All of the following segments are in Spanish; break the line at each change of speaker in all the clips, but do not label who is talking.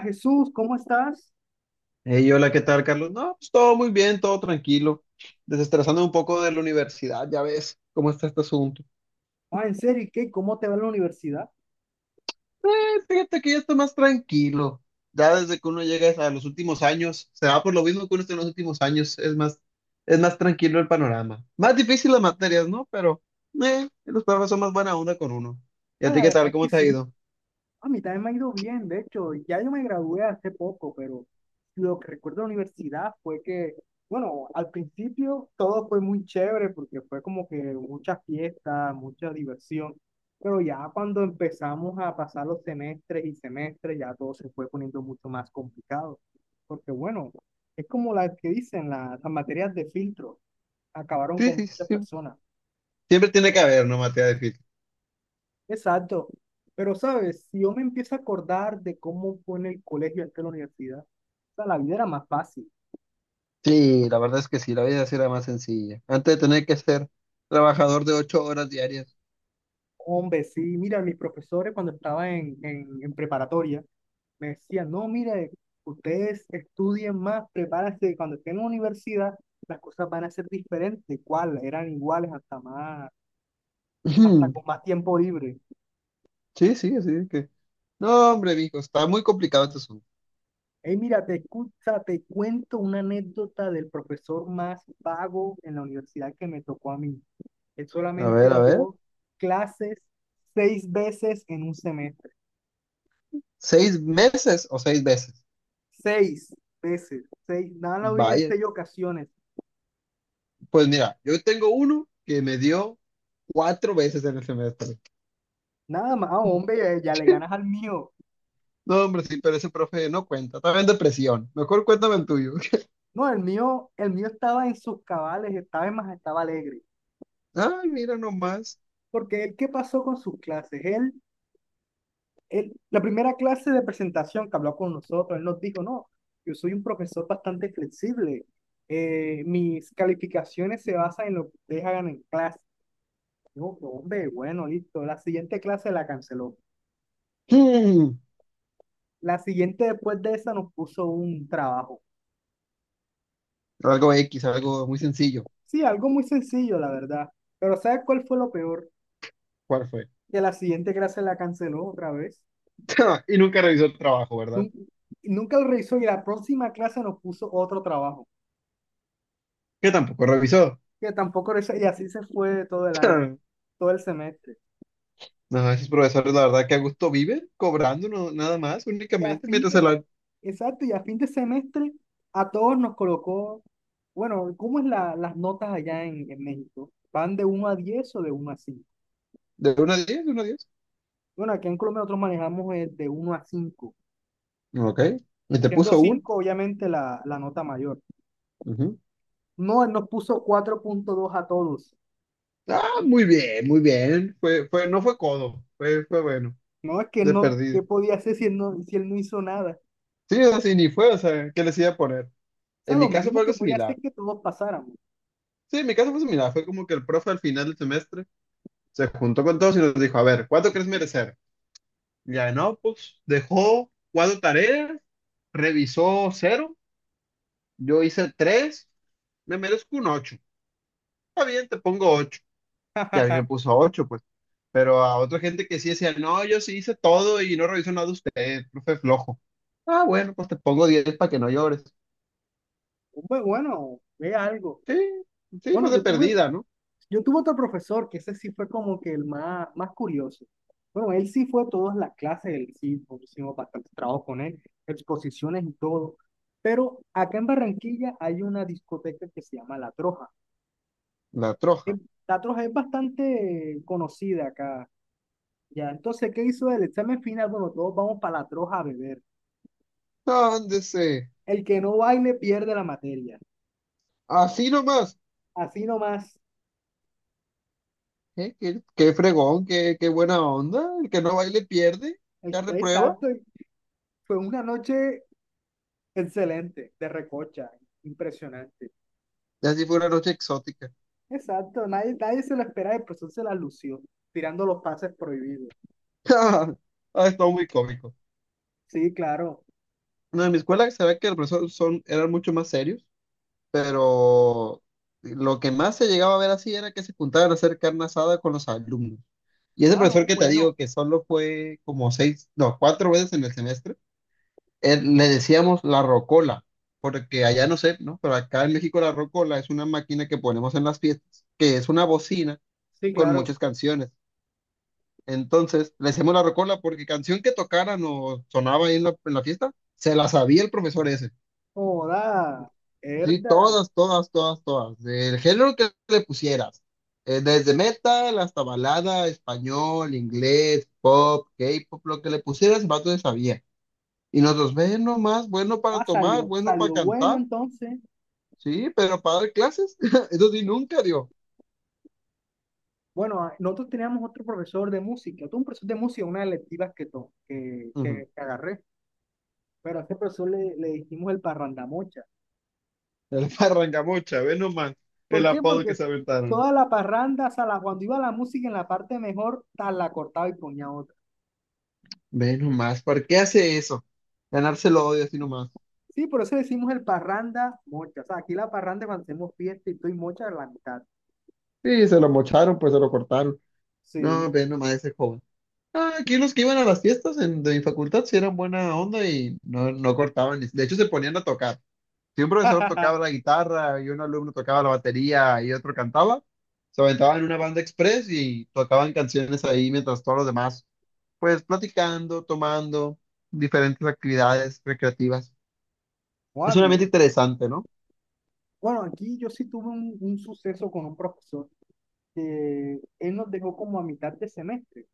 Jesús, ¿cómo estás?
Hey, hola, ¿qué tal, Carlos? No, pues todo muy bien, todo tranquilo. Desestresando un poco de la universidad, ya ves cómo está este asunto.
Ah, en serio, ¿y qué? ¿Cómo te va en la universidad?
Eh, fíjate que ya está más tranquilo. Ya desde que uno llega a los últimos años, se va por lo mismo que uno está en los últimos años, es más tranquilo el panorama. Más difícil las materias, ¿no? Pero los profes son más buena onda con uno. ¿Y a
Pues
ti
la
qué
verdad
tal?
es
¿Cómo
que
te ha
sí.
ido?
A mí también me ha ido bien, de hecho, ya yo me gradué hace poco, pero lo que recuerdo de la universidad fue que, bueno, al principio todo fue muy chévere porque fue como que muchas fiestas mucha diversión, pero ya cuando empezamos a pasar los semestres y semestres, ya todo se fue poniendo mucho más complicado, porque bueno, es como las que dicen las materias de filtro, acabaron
Sí,
con
sí,
muchas
sí.
personas.
Siempre tiene que haber, ¿no? Materia difícil.
Exacto. Pero, ¿sabes? Si yo me empiezo a acordar de cómo fue en el colegio antes de la universidad, o sea, la vida era más fácil.
Sí, la verdad es que sí, la vida sí era más sencilla. Antes de tener que ser trabajador de ocho horas diarias.
Hombre, sí, mira, mis profesores cuando estaba en preparatoria me decían, no, mira, ustedes estudien más, prepárense, cuando estén en la universidad las cosas van a ser diferentes. Igual Eran iguales hasta
Ujú.
con más tiempo libre.
Sí, sí, así es que. No, hombre, mijo, está muy complicado este asunto.
Hey, mira, te cuento una anécdota del profesor más vago en la universidad que me tocó a mí. Él
A ver,
solamente
a ver.
dio clases seis veces en un semestre.
¿Seis meses o seis veces?
Seis veces, seis, nada más en
Vaya.
seis ocasiones.
Pues mira, yo tengo uno que me dio cuatro veces en el semestre.
Nada más, ah, hombre, ya, le ganas al mío.
No, hombre, sí, pero ese profe no cuenta. Estaba en depresión. Mejor cuéntame el tuyo.
No, el mío estaba en sus cabales, estaba alegre.
Ay, mira nomás.
Porque él, ¿qué pasó con sus clases? La primera clase de presentación que habló con nosotros, él nos dijo, no, yo soy un profesor bastante flexible. Mis calificaciones se basan en lo que ustedes hagan en clase. Yo, hombre, bueno, listo. La siguiente clase la canceló.
Hmm.
La siguiente después de esa nos puso un trabajo.
Algo X, algo muy sencillo.
Sí, algo muy sencillo, la verdad. Pero, ¿sabes cuál fue lo peor?
¿Cuál fue?
Que la siguiente clase la canceló otra vez.
Y nunca revisó el trabajo, ¿verdad?
Nun- Nunca, lo revisó y la próxima clase nos puso otro trabajo.
Que tampoco revisó.
Que tampoco revisó, y así se fue todo el semestre.
No, esos profesores, la verdad, que a gusto viven cobrando nada más,
Y a
únicamente,
fin
mientras
de,
el,
exacto, y a fin de semestre a todos nos colocó, bueno, ¿cómo es las notas allá en México? ¿Van de uno a 10 o de uno a cinco?
¿de 1 a 10? ¿De 1 a 10?
Bueno, aquí en Colombia nosotros manejamos el de uno a cinco,
Ok. ¿Y te
siendo
puso un?
5 obviamente la nota mayor.
Ujú.
No, él nos puso 4.2 a todos.
Ah, muy bien, muy bien. Fue, no fue codo, fue bueno,
No, es que
de
no,
perdido.
¿qué podía hacer si él no hizo nada?
Sí, o sea, sí, ni fue, o sea, ¿qué les iba a poner?
O sea,
En mi
lo
caso fue
mínimo que
algo
podía hacer
similar.
es que todos pasáramos.
Sí, en mi caso fue similar. Fue como que el profe al final del semestre se juntó con todos y nos dijo, a ver, ¿cuánto crees merecer? Y ya, no, pues dejó cuatro tareas, revisó cero, yo hice tres, me merezco un ocho. Está bien, te pongo ocho. Y a mí me puso ocho, pues. Pero a otra gente que sí decía, no, yo sí hice todo y no reviso nada de usted, profe flojo. Ah, bueno, pues te pongo 10 para que no llores.
Hombre, bueno, ve algo.
Sí, sí, pues
Bueno,
de
yo tuve,
perdida, ¿no?
Yo tuve otro profesor que ese sí fue como que el más, más curioso. Bueno, él sí fue a todas las clases, él sí pues, hicimos bastante trabajo con él, exposiciones y todo. Pero acá en Barranquilla hay una discoteca que se llama La Troja.
La troja.
Eh, La Troja es bastante conocida acá. Ya, entonces, ¿qué hizo el examen final? Bueno, todos vamos para La Troja a beber.
Ándese,
El que no baile pierde la materia.
así nomás.
Así nomás.
¿Eh? ¿Qué, qué fregón, qué, qué buena onda? El que no baile pierde, ya reprueba.
Exacto. Y fue una noche excelente, de recocha, impresionante.
Y así fue una noche exótica.
Exacto, nadie, nadie se lo esperaba, el profesor se la lució, tirando los pases prohibidos.
Ah, estuvo muy cómico.
Sí, claro.
No, en mi escuela se ve que los profesores son, eran mucho más serios. Pero lo que más se llegaba a ver así era que se juntaban a hacer carne asada con los alumnos. Y ese
Ah,
profesor
no,
que te digo
bueno.
que solo fue como seis, no, cuatro veces en el semestre, le decíamos la rocola, porque allá no sé, ¿no? Pero acá en México la rocola es una máquina que ponemos en las fiestas, que es una bocina
Sí,
con
claro.
muchas canciones. Entonces, le decíamos la rocola porque canción que tocaran o sonaba ahí en la fiesta, se la sabía el profesor ese.
Joda,
Sí,
herda.
todas, todas, todas, todas. Del género que le pusieras. Desde metal hasta balada, español, inglés, pop, K-pop, lo que le pusieras, el vato le sabía. Y nosotros, ve nomás, bueno para
Ah,
tomar,
salió,
bueno para
salió bueno
cantar.
entonces.
Sí, pero para dar clases, eso sí nunca dio.
Bueno, ah, nosotros teníamos otro profesor de música, tuve un profesor de música, una de las electivas que, to- que,
Ujú.
que agarré, pero a ese profesor le dijimos el parrandamocha.
El parrangamucha, ve nomás el
¿Por qué?
apodo que
Porque
se aventaron.
toda la parranda, o sea, cuando iba la música en la parte mejor, tal, la cortaba y ponía otra.
Ve nomás, ¿por qué hace eso? Ganárselo odio así nomás.
Sí, por eso decimos el parranda mocha. O sea, aquí la parranda cuando hacemos fiesta y estoy mocha a la mitad.
Sí, se lo mocharon, pues se lo cortaron.
Sí.
No, ve nomás ese joven. Ah, aquí los que iban a las fiestas de mi facultad sí eran buena onda y no, no cortaban. De hecho, se ponían a tocar. Si un profesor tocaba la guitarra y un alumno tocaba la batería y otro cantaba, se aventaban una banda express y tocaban canciones ahí mientras todos los demás, pues platicando, tomando diferentes actividades recreativas. Es
Muy
un ambiente
bien.
interesante, ¿no?
Bueno, aquí yo sí tuve un suceso con un profesor que él nos dejó como a mitad de semestre,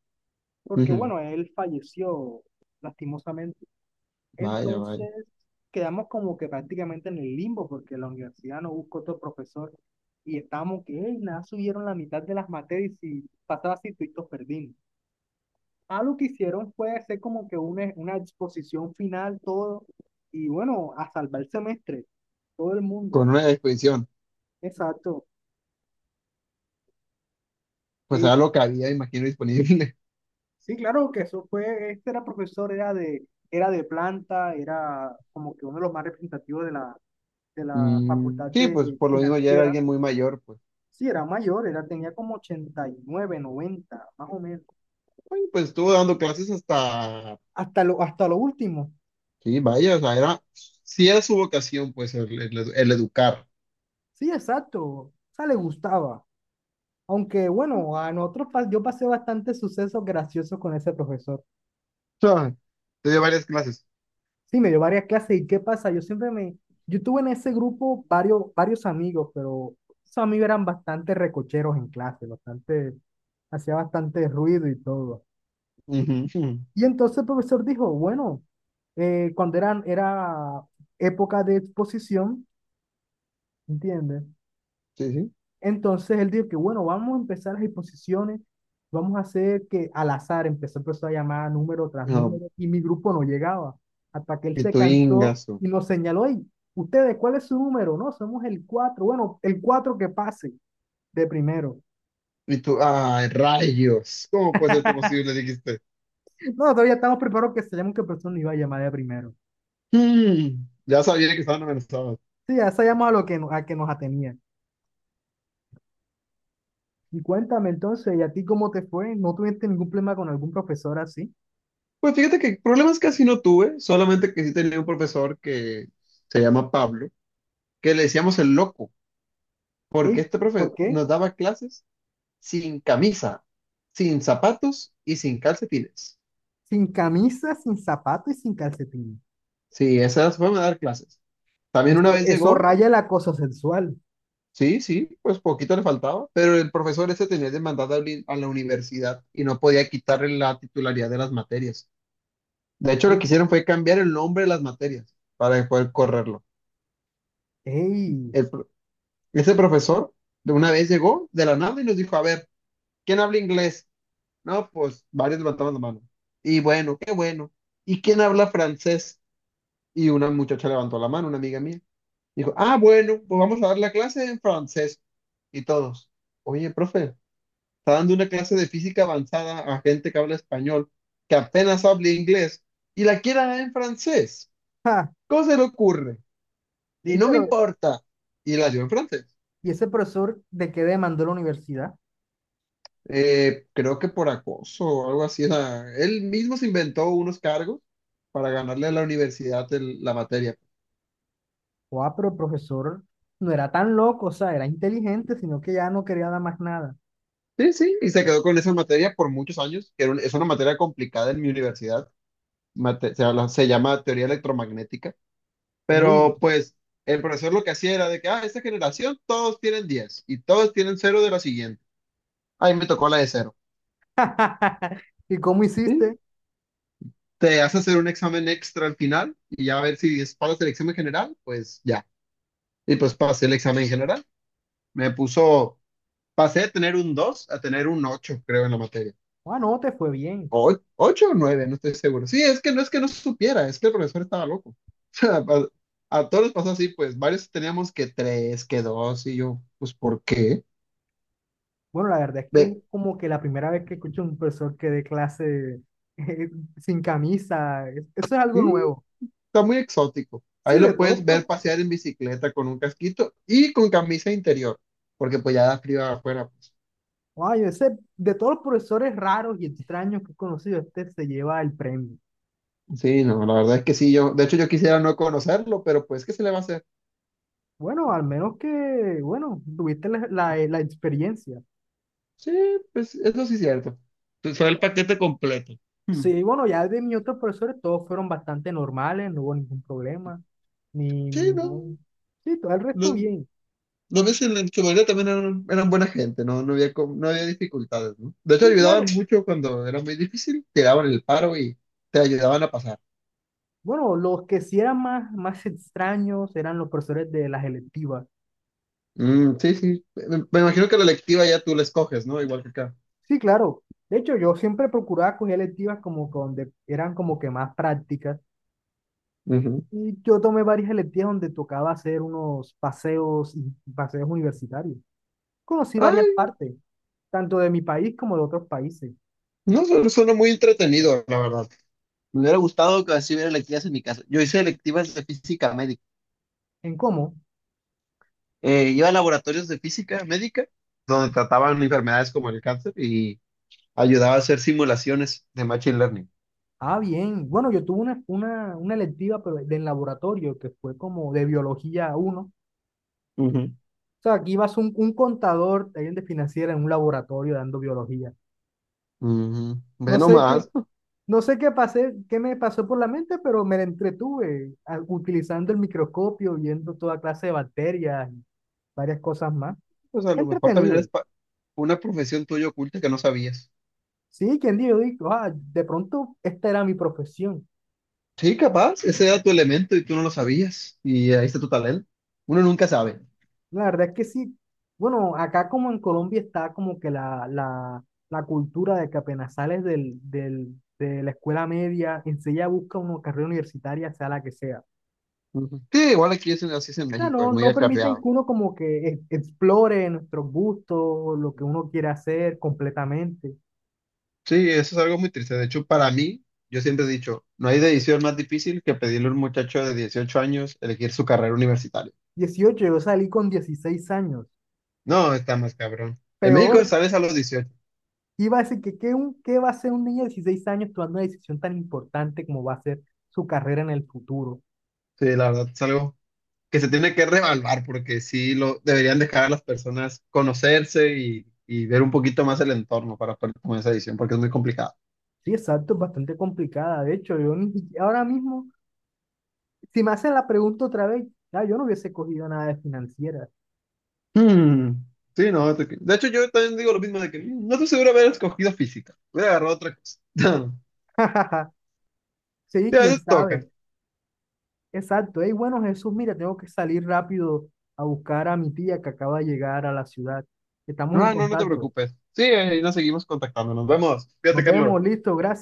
porque
Ujú.
bueno, él falleció lastimosamente.
Vaya, vaya.
Entonces quedamos como que prácticamente en el limbo, porque la universidad no buscó otro profesor y estábamos que, "Ey, nada, subieron la mitad de las materias y pasaba así, todos perdimos. Ah, lo que hicieron fue hacer como que una exposición final, todo, y bueno, a salvar el semestre, todo el mundo.
Con una disposición.
Exacto.
Pues
Li-
era lo que había, imagino, disponible.
Sí, claro que eso fue, este era profesor, era de planta, era como que uno de los más representativos de la
Mm,
facultad
sí, pues
de
por lo mismo ya era
financiera.
alguien muy mayor, pues.
Sí, era mayor, tenía como 89, 90 más o menos.
Ay, pues estuvo dando clases hasta,
Hasta lo último.
sí, vaya, o sea, era, sí era su vocación, pues, el, el educar.
Sí, exacto. O sea, le gustaba. Aunque bueno, yo pasé bastantes sucesos graciosos con ese profesor.
O sea, te dio varias clases.
Sí, me dio varias clases y ¿qué pasa? Yo tuve en ese grupo varios, varios amigos, pero esos amigos eran bastante recocheros en clase, hacía bastante ruido y todo.
Ujú, ujú.
Y entonces el profesor dijo, bueno, cuando era época de exposición, ¿entiendes?
Sí, sí.
Entonces él dijo que, bueno, vamos a empezar las exposiciones, vamos a hacer que al azar empezó a llamar número tras
No,
número y mi grupo no llegaba, hasta que él
y
se
tu
cansó
ingazo.
y nos señaló, y ustedes, ¿cuál es su número? No, somos el cuatro, bueno, el 4 que pase de primero.
Y tú, ay, rayos. ¿Cómo puede ser esto posible? Dijiste.
No, todavía estamos preparados que sabíamos que persona iba a llamar de primero.
Mm, ya sabía que estaban amenazados.
Sí, ya sabíamos a lo que, a que nos atenía. Y cuéntame entonces, ¿y a ti cómo te fue? ¿No tuviste ningún problema con algún profesor así?
Pues fíjate que problemas casi no tuve, solamente que sí tenía un profesor que se llama Pablo, que le decíamos el loco, porque
¿Y
este
por
profe
qué?
nos daba clases sin camisa, sin zapatos y sin calcetines.
Sin camisa, sin zapato y sin calcetín.
Sí, esas fueron a dar clases. También una
Esto,
vez
eso
llegó,
raya el acoso sexual.
sí, sí, pues poquito le faltaba, pero el profesor ese tenía demandada a a la universidad y no podía quitarle la titularidad de las materias. De hecho, lo
Ay,
que hicieron fue cambiar el nombre de las materias para poder correrlo.
ey,
El pro- ese profesor de una vez llegó de la nada y nos dijo, a ver, ¿quién habla inglés? No, pues varios levantaban la mano. Y bueno, qué bueno. ¿Y quién habla francés? Y una muchacha levantó la mano, una amiga mía. Dijo, ah, bueno, pues vamos a dar la clase en francés. Y todos, oye, profe, está dando una clase de física avanzada a gente que habla español, que apenas habla inglés, y la quiere dar en francés.
ja,
¿Cómo se le ocurre? Y
ey,
no me
pero,
importa. Y la dio en francés.
¿y ese profesor de qué demandó la universidad?
Creo que por acoso o algo así. O sea, él mismo se inventó unos cargos para ganarle a la universidad la materia.
O Ah, pero el profesor no era tan loco, o sea, era inteligente, sino que ya no quería nada más nada.
Sí, sí, y se quedó con esa materia por muchos años, que era es una materia complicada en mi universidad, se llama teoría electromagnética,
Uy,
pero pues el profesor lo que hacía era de que, ah, esta generación todos tienen 10 y todos tienen cero de la siguiente. Ahí me tocó la de cero.
¿y cómo
Sí,
hiciste?
te hace hacer un examen extra al final y ya a ver si pasas el examen general, pues ya. Y pues pasé el examen general. Me puso, pasé de tener un 2 a tener un 8, creo, en la materia.
Ah, no, te fue bien.
Ocho o nueve, no estoy seguro. Sí, es que no supiera, es que el profesor estaba loco. O sea, a todos les pasó así, pues varios teníamos que tres, que dos, y yo, pues, ¿por qué?
Bueno, la verdad es que es
Ve,
como que la primera vez que escucho a un profesor que dé clase sin camisa, eso es algo
sí,
nuevo.
está muy exótico. Ahí
Sí, de
lo puedes
todos
ver pasear en bicicleta con un casquito y con camisa interior, porque pues ya da frío afuera, pues.
ay, ese, de todos los profesores raros y extraños que he conocido, este se lleva el premio.
Sí, no, la verdad es que sí, yo, de hecho yo quisiera no conocerlo, pero pues, ¿qué se le va a hacer?
Bueno, al menos que, bueno, tuviste la experiencia.
Sí, pues eso sí es cierto. Fue el paquete completo. Hmm.
Sí, bueno, ya de mis otros profesores todos fueron bastante normales, no hubo ningún problema, ni
Sí, no.
ningún... Sí, todo el
No,
resto bien.
los meses en su mayoría también eran, eran buena gente, no, no había, no había dificultades, ¿no? De hecho,
Sí,
ayudaban
claro.
mucho cuando era muy difícil, te daban el paro y te ayudaban a pasar.
Bueno, los que sí eran más, más extraños eran los profesores de las electivas.
Mm, sí, sí. Me imagino que la electiva ya tú la escoges, ¿no? Igual que acá.
Sí, claro. De hecho, yo siempre procuraba coger electivas como que donde eran como que más prácticas.
Ujú.
Y yo tomé varias electivas donde tocaba hacer unos paseos, paseos universitarios. Conocí varias
Ay,
partes, tanto de mi país como de otros países.
no, suena muy entretenido, la verdad. Me hubiera gustado que así hubiera electivas en mi caso. Yo hice electivas de física médica.
¿En cómo?
Iba a laboratorios de física médica, donde trataban enfermedades como el cáncer y ayudaba a hacer simulaciones de machine learning.
Ah, bien. Bueno, yo tuve una electiva pero de en laboratorio que fue como de biología uno.
Ujú.
O sea, aquí ibas un contador, alguien de financiera en un laboratorio dando biología.
Ujú. Ve
No sé
nomás.
qué, no sé qué qué me pasó por la mente, pero me la entretuve utilizando el microscopio, viendo toda clase de bacterias y varias cosas más.
Pues a
Fue
lo mejor también
entretenido.
eres una profesión tuya oculta que no sabías.
Sí, quien dijo, ah, de pronto esta era mi profesión.
Sí, capaz, ese era tu elemento y tú no lo sabías. Y ahí está tu talento. Uno nunca sabe.
La verdad es que sí. Bueno, acá como en Colombia está como que la cultura de que apenas sales de la escuela media, enseguida busca una carrera universitaria, sea la que sea. O
Ujú. Sí, igual aquí es, así es en
sea,
México, es
no,
muy
no permiten que
acarreado.
uno como que explore nuestros gustos, lo que uno quiere hacer completamente.
Sí, eso es algo muy triste. De hecho, para mí, yo siempre he dicho, no hay decisión más difícil que pedirle a un muchacho de 18 años elegir su carrera universitaria.
18, yo salí con 16 años.
No, está más cabrón. En México
Peor.
sales a los dieciocho.
Iba a decir, que ¿qué va a hacer un niño de 16 años tomando una decisión tan importante como va a ser su carrera en el futuro?
Sí, la verdad, es algo que se tiene que revaluar porque sí lo deberían dejar a las personas conocerse y ver un poquito más el entorno para poder tomar esa decisión porque es muy complicado.
Sí, exacto, es bastante complicada. De hecho, yo ni- ahora mismo, si me hacen la pregunta otra vez, ya, yo no hubiese cogido nada de financiera.
Mm, sí, no, de hecho yo también digo lo mismo de que no estoy seguro de haber escogido física, hubiera agarrado otra cosa.
Sí,
Sí, a
quién
veces toca.
sabe. Exacto. Ey, bueno, Jesús, mira, tengo que salir rápido a buscar a mi tía que acaba de llegar a la ciudad. Estamos en
Ah, no, no te
contacto.
preocupes. Sí, ahí nos seguimos contactando, nos vemos. Fíjate,
Nos vemos,
Carlos.
listo, gracias.